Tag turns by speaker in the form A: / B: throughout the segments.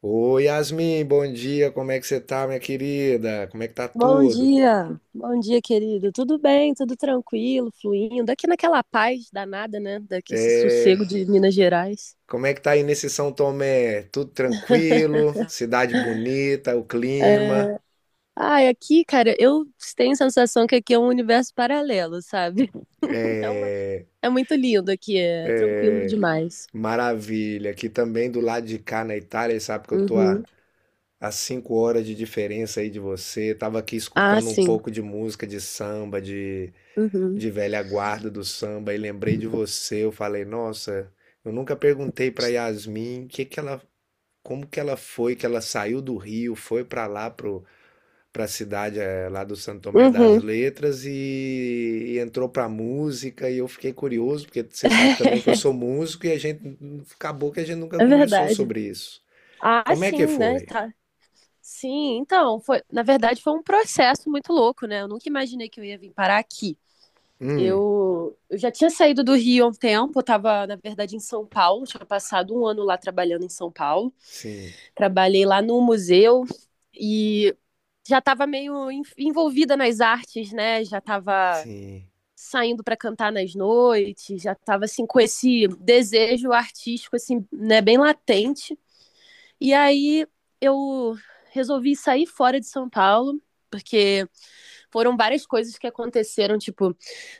A: Oi, Yasmin, bom dia. Como é que você tá, minha querida? Como é que tá tudo?
B: Bom dia, querido. Tudo bem, tudo tranquilo, fluindo. Aqui naquela paz danada, né? Daqui esse
A: É,
B: sossego de Minas Gerais.
A: como é que tá aí nesse São Tomé? Tudo tranquilo? Cidade bonita, o clima,
B: É. Ai, aqui, cara, eu tenho a sensação que aqui é um universo paralelo, sabe? É uma... É muito lindo aqui, é tranquilo demais.
A: maravilha. Aqui também do lado de cá na Itália, sabe que eu tô a,
B: Uhum.
A: a 5 horas de diferença aí de você. Tava aqui
B: Ah,
A: escutando um
B: sim.
A: pouco de música de samba, de,
B: Uhum.
A: de velha guarda do samba, e lembrei de você. Eu falei, nossa, eu nunca perguntei pra Yasmin o que que ela como que ela foi, que ela saiu do Rio, foi para lá, pra cidade lá do Santo Tomé das
B: Uhum.
A: Letras e entrou para música e eu fiquei curioso, porque você sabe também que eu sou músico e a gente, acabou que a gente nunca
B: É
A: conversou
B: verdade.
A: sobre isso.
B: Ah,
A: Como é que
B: sim, né?
A: foi?
B: Tá. Sim, então, foi, na verdade foi um processo muito louco, né? Eu nunca imaginei que eu ia vir parar aqui.
A: Hum,
B: Eu já tinha saído do Rio há um tempo, eu estava, na verdade, em São Paulo, tinha passado um ano lá trabalhando em São Paulo.
A: sim,
B: Trabalhei lá no museu e já estava meio envolvida nas artes, né? Já estava
A: sim.
B: saindo para cantar nas noites, já estava assim com esse desejo artístico assim, né, bem latente. E aí eu resolvi sair fora de São Paulo, porque foram várias coisas que aconteceram. Tipo,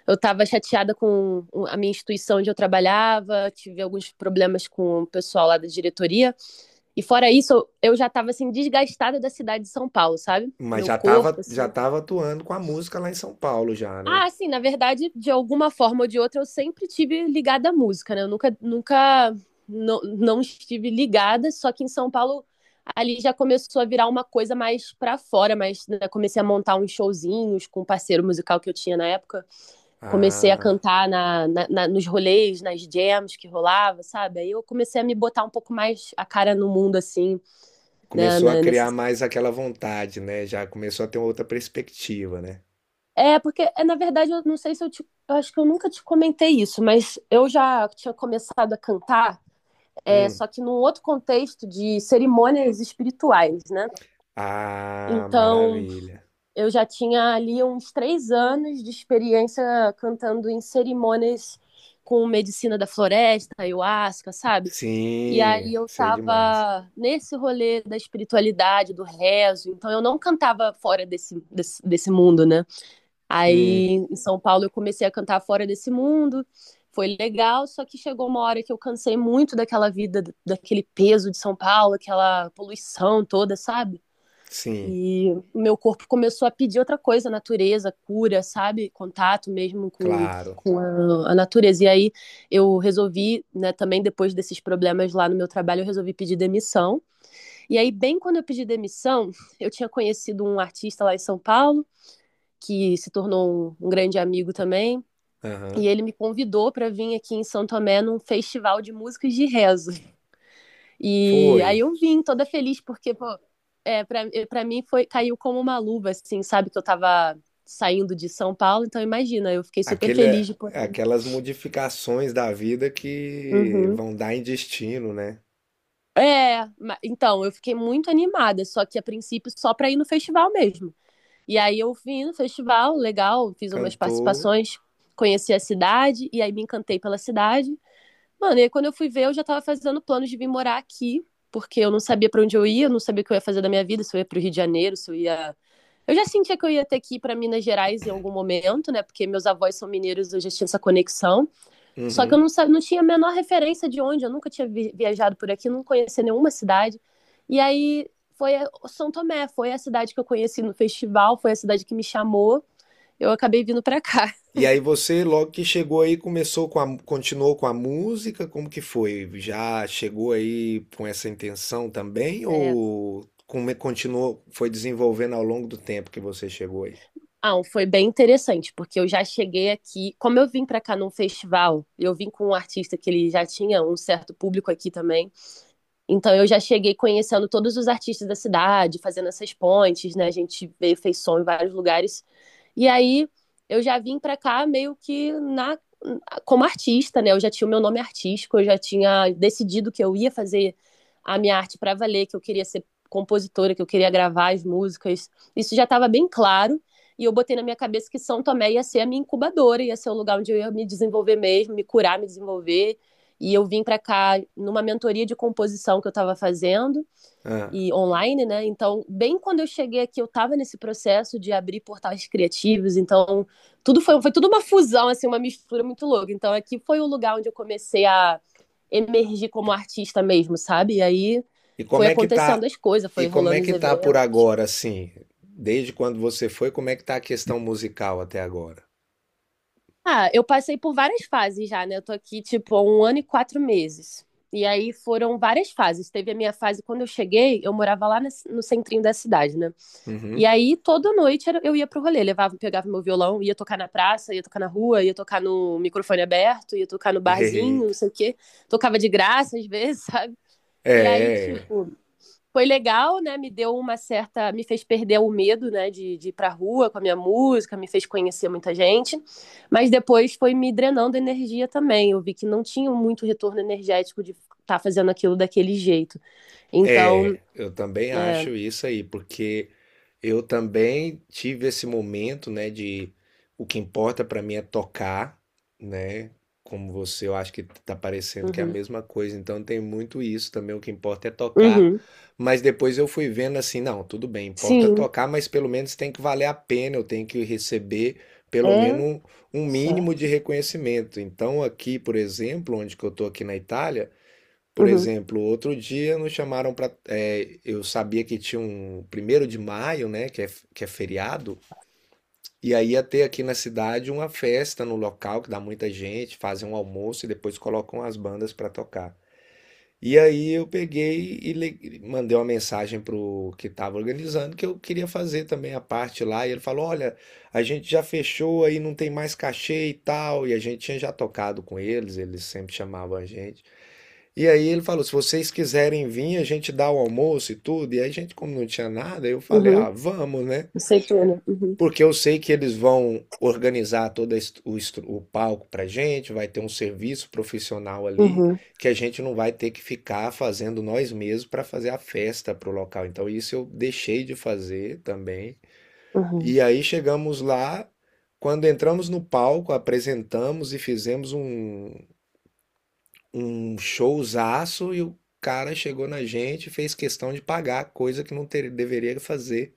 B: eu tava chateada com a minha instituição onde eu trabalhava, tive alguns problemas com o pessoal lá da diretoria. E fora isso, eu já tava assim, desgastada da cidade de São Paulo, sabe?
A: Mas
B: Meu corpo,
A: já
B: assim.
A: tava atuando com a música lá em São Paulo já, né?
B: Ah, assim, na verdade, de alguma forma ou de outra, eu sempre tive ligada à música, né? Eu nunca não estive ligada, só que em São Paulo ali já começou a virar uma coisa mais para fora, mas né, comecei a montar uns showzinhos com um parceiro musical que eu tinha na época comecei a
A: Ah,
B: cantar nos rolês, nas jams que rolava, sabe? Aí eu comecei a me botar um pouco mais a cara no mundo, assim, né?
A: começou a criar mais aquela vontade, né? Já começou a ter outra perspectiva, né?
B: É, porque, é, na verdade, eu não sei se eu te. Eu acho que eu nunca te comentei isso, mas eu já tinha começado a cantar, é,
A: Hum.
B: só que num outro contexto de cerimônias espirituais, né?
A: Ah,
B: Então,
A: maravilha.
B: eu já tinha ali uns 3 anos de experiência cantando em cerimônias com medicina da floresta, ayahuasca, sabe? E
A: Sim,
B: aí eu
A: sei demais.
B: tava nesse rolê da espiritualidade, do rezo, então eu não cantava fora desse mundo, né?
A: Hum,
B: Aí em São Paulo eu comecei a cantar fora desse mundo, foi legal, só que chegou uma hora que eu cansei muito daquela vida, daquele peso de São Paulo, aquela poluição toda, sabe?
A: sim,
B: E o meu corpo começou a pedir outra coisa, natureza, cura, sabe? Contato mesmo com,
A: claro.
B: com a natureza. E aí eu resolvi, né, também depois desses problemas lá no meu trabalho, eu resolvi pedir demissão. E aí, bem quando eu pedi demissão, eu tinha conhecido um artista lá em São Paulo, que se tornou um grande amigo também. E
A: Aham.
B: ele me convidou para vir aqui em São Tomé num festival de músicas de rezo. E
A: Foi.
B: aí eu vim toda feliz, porque, pô, pra mim foi, caiu como uma luva, assim, sabe? Que eu tava saindo de São Paulo, então imagina, eu fiquei super
A: Aquele,
B: feliz de poder.
A: aquelas modificações da vida que
B: Uhum.
A: vão dar em destino, né?
B: É, então, eu fiquei muito animada, só que a princípio só pra ir no festival mesmo. E aí eu vim no festival, legal, fiz umas
A: Cantou.
B: participações, conheci a cidade, e aí me encantei pela cidade. Mano, e aí quando eu fui ver, eu já tava fazendo planos de vir morar aqui, porque eu não sabia pra onde eu ia, eu não sabia o que eu ia fazer da minha vida, se eu ia pro Rio de Janeiro, se eu ia. Eu já sentia que eu ia ter que ir para Minas Gerais em algum momento, né? Porque meus avós são mineiros, eu já tinha essa conexão. Só que eu
A: Uhum.
B: não tinha a menor referência de onde, eu nunca tinha viajado por aqui, não conhecia nenhuma cidade. E aí foi São Tomé, foi a cidade que eu conheci no festival, foi a cidade que me chamou. Eu acabei vindo para cá.
A: E aí você, logo que chegou aí, começou com a, continuou com a música? Como que foi? Já chegou aí com essa intenção também?
B: É.
A: Ou continuou, foi desenvolvendo ao longo do tempo que você chegou aí?
B: Ah, foi bem interessante, porque eu já cheguei aqui, como eu vim para cá num festival, eu vim com um artista que ele já tinha um certo público aqui também. Então eu já cheguei conhecendo todos os artistas da cidade, fazendo essas pontes, né? A gente veio, fez som em vários lugares. E aí eu já vim para cá meio que na como artista, né? Eu já tinha o meu nome artístico, eu já tinha decidido que eu ia fazer a minha arte para valer, que eu queria ser compositora, que eu queria gravar as músicas. Isso já estava bem claro. E eu botei na minha cabeça que São Tomé ia ser a minha incubadora, ia ser o lugar onde eu ia me desenvolver mesmo, me curar, me desenvolver e eu vim para cá numa mentoria de composição que eu estava fazendo
A: Ah.
B: e online, né? Então, bem quando eu cheguei aqui, eu estava nesse processo de abrir portais criativos, então tudo foi, foi tudo uma fusão, assim, uma mistura muito louca. Então, aqui foi o lugar onde eu comecei a emergir como artista mesmo, sabe? E aí
A: E como
B: foi
A: é que
B: acontecendo
A: tá?
B: as coisas,
A: E
B: foi
A: como é
B: rolando os
A: que tá por
B: eventos.
A: agora, assim? Desde quando você foi, como é que tá a questão musical até agora?
B: Ah, eu passei por várias fases já, né? Eu tô aqui, tipo, há um ano e 4 meses. E aí foram várias fases. Teve a minha fase quando eu cheguei, eu morava lá no centrinho da cidade, né? E
A: Uhum.
B: aí toda noite eu ia pro rolê, levava, pegava meu violão, ia tocar na praça, ia tocar na rua, ia tocar no microfone aberto, ia tocar no barzinho, não
A: Eita.
B: sei o quê. Tocava de graça às vezes, sabe? E aí,
A: É.
B: tipo,
A: É.
B: foi legal, né? Me deu uma certa. Me fez perder o medo, né? De ir pra rua com a minha música, me fez conhecer muita gente. Mas depois foi me drenando energia também. Eu vi que não tinha muito retorno energético de estar tá fazendo aquilo daquele jeito. Então,
A: É, eu também
B: é.
A: acho isso aí, porque eu também tive esse momento, né, de o que importa pra mim é tocar, né? Como você, eu acho que tá parecendo que é a
B: Uhum,
A: mesma coisa, então tem muito isso também, o que importa é tocar.
B: uhum,
A: Mas depois eu fui vendo assim, não, tudo bem, importa
B: sim,
A: tocar, mas pelo menos tem que valer a pena, eu tenho que receber pelo menos
B: é
A: um mínimo de
B: certo.
A: reconhecimento. Então aqui, por exemplo, onde que eu tô aqui na Itália, por
B: Uhum,
A: exemplo, outro dia nos chamaram para. Eu sabia que tinha um 1º de maio, né? Que é feriado. E aí ia ter aqui na cidade uma festa no local que dá muita gente, fazem um almoço e depois colocam as bandas para tocar. E aí eu peguei mandei uma mensagem pro que estava organizando que eu queria fazer também a parte lá. E ele falou: olha, a gente já fechou aí, não tem mais cachê e tal. E a gente tinha já tocado com eles, eles sempre chamavam a gente. E aí ele falou: se vocês quiserem vir, a gente dá o almoço e tudo. E aí a gente, como não tinha nada, eu falei:
B: uhum,
A: ah, vamos, né?
B: aceitona. Uhum,
A: Porque eu sei que eles vão organizar todo est- o, estru- o palco pra gente, vai ter um serviço profissional ali,
B: uhum,
A: que a gente não vai ter que ficar fazendo nós mesmos para fazer a festa pro local. Então isso eu deixei de fazer também.
B: uhum,
A: E aí chegamos lá, quando entramos no palco, apresentamos e fizemos um showzaço e o cara chegou na gente e fez questão de pagar, coisa que não deveria fazer.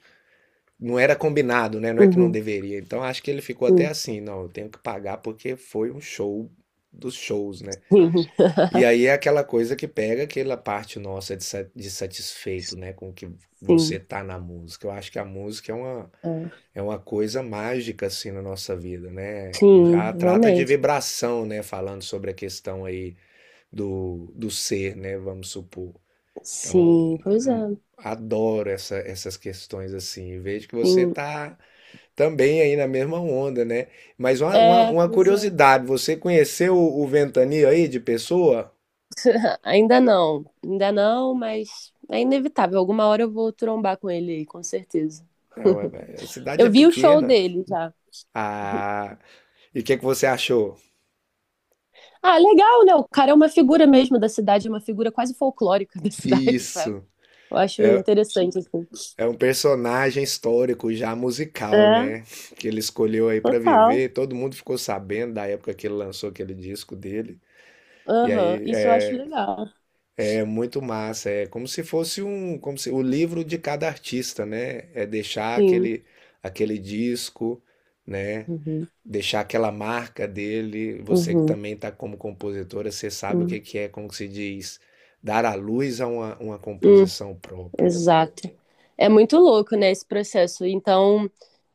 A: Não era combinado, né? Não é que não deveria. Então acho que ele ficou até
B: uhum,
A: assim, não, eu tenho que pagar porque foi um show dos shows, né?
B: sim, sim.
A: E aí é aquela coisa que pega aquela parte nossa de satisfeito, né? Com que você
B: Sim,
A: tá na música. Eu acho que a música é uma,
B: é,
A: é uma coisa mágica, assim, na nossa vida, né? E
B: sim,
A: já trata de
B: realmente.
A: vibração, né? Falando sobre a questão aí do ser, né? Vamos supor. Então,
B: Sim, pois é.
A: adoro essas questões assim. Vejo que você
B: Sim,
A: está também aí na mesma onda, né? Mas uma, uma,
B: é,
A: uma
B: pois é.
A: curiosidade, você conheceu o Ventania aí de pessoa?
B: Ainda não, mas é inevitável. Alguma hora eu vou trombar com ele aí, com certeza.
A: É, ué, a cidade é
B: Eu vi o show
A: pequena.
B: dele já.
A: Ah, e o que é que você achou?
B: Ah, legal, né? O cara é uma figura mesmo da cidade, é uma figura quase folclórica da cidade, sabe?
A: Isso.
B: Eu acho interessante, assim.
A: É um personagem histórico já musical,
B: É,
A: né? Que ele escolheu aí para
B: total.
A: viver. Todo mundo ficou sabendo da época que ele lançou aquele disco dele. E
B: Aham,
A: aí
B: isso eu acho legal.
A: é muito massa, é como se fosse como se o livro de cada artista, né? É deixar
B: Sim.
A: aquele disco, né?
B: Uhum,
A: Deixar aquela marca dele. Você que
B: uhum,
A: também está como compositora, você sabe o
B: uhum.
A: que que é, como que se diz, dar à luz a uma composição própria.
B: Exato. É muito louco, né, esse processo. Então,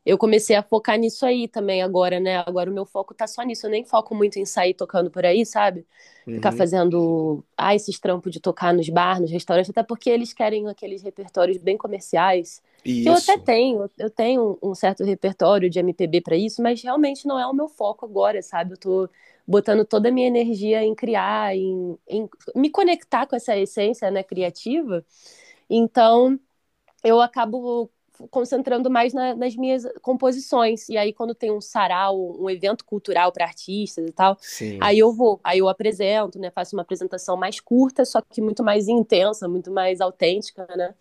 B: eu comecei a focar nisso aí também agora, né? Agora o meu foco tá só nisso. Eu nem foco muito em sair tocando por aí, sabe? Ficar
A: Uhum.
B: fazendo, ah, esses trampos de tocar nos bar, nos restaurantes, até porque eles querem aqueles repertórios bem comerciais, que
A: E
B: eu até
A: isso,
B: tenho, eu tenho um certo repertório de MPB para isso, mas realmente não é o meu foco agora, sabe? Eu tô botando toda a minha energia em criar, em me conectar com essa essência, né, criativa. Então, eu acabo concentrando mais nas minhas composições. E aí, quando tem um sarau, um evento cultural para artistas e tal,
A: sim,
B: aí eu vou, aí eu apresento, né? Faço uma apresentação mais curta, só que muito mais intensa, muito mais autêntica, né?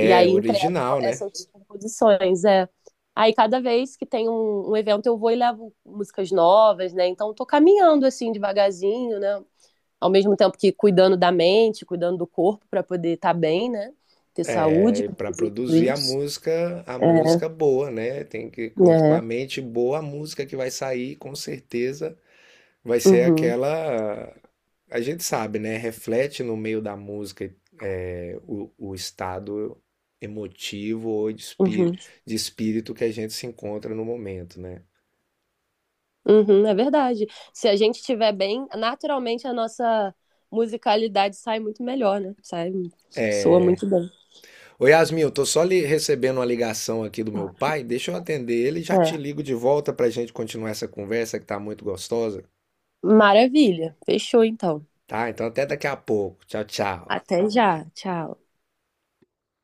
B: E
A: é
B: aí entrego
A: original, né?
B: essas composições. É. Aí, cada vez que tem um evento, eu vou e levo músicas novas, né? Então, tô caminhando assim, devagarzinho, né? Ao mesmo tempo que cuidando da mente, cuidando do corpo para poder estar bem, né? Ter
A: É,
B: saúde
A: e
B: para
A: para
B: fazer tudo
A: produzir
B: isso.
A: a
B: É,
A: música boa, né? Tem que contar com a
B: é.
A: mente boa, a música que vai sair, com certeza vai ser
B: Uhum,
A: aquela. A gente sabe, né? Reflete no meio da música é, o estado emotivo ou de, espí-
B: uhum,
A: de espírito que a gente se encontra no momento, né?
B: uhum, é verdade. Se a gente estiver bem, naturalmente a nossa musicalidade sai muito melhor, né? Sai, soa muito bem.
A: Ô Yasmin, eu tô só recebendo uma ligação aqui do meu pai, deixa eu atender ele e já te
B: É.
A: ligo de volta pra gente continuar essa conversa que tá muito gostosa,
B: Maravilha. Fechou então.
A: tá? Então até daqui a pouco. Tchau, tchau.
B: Até já. Tchau.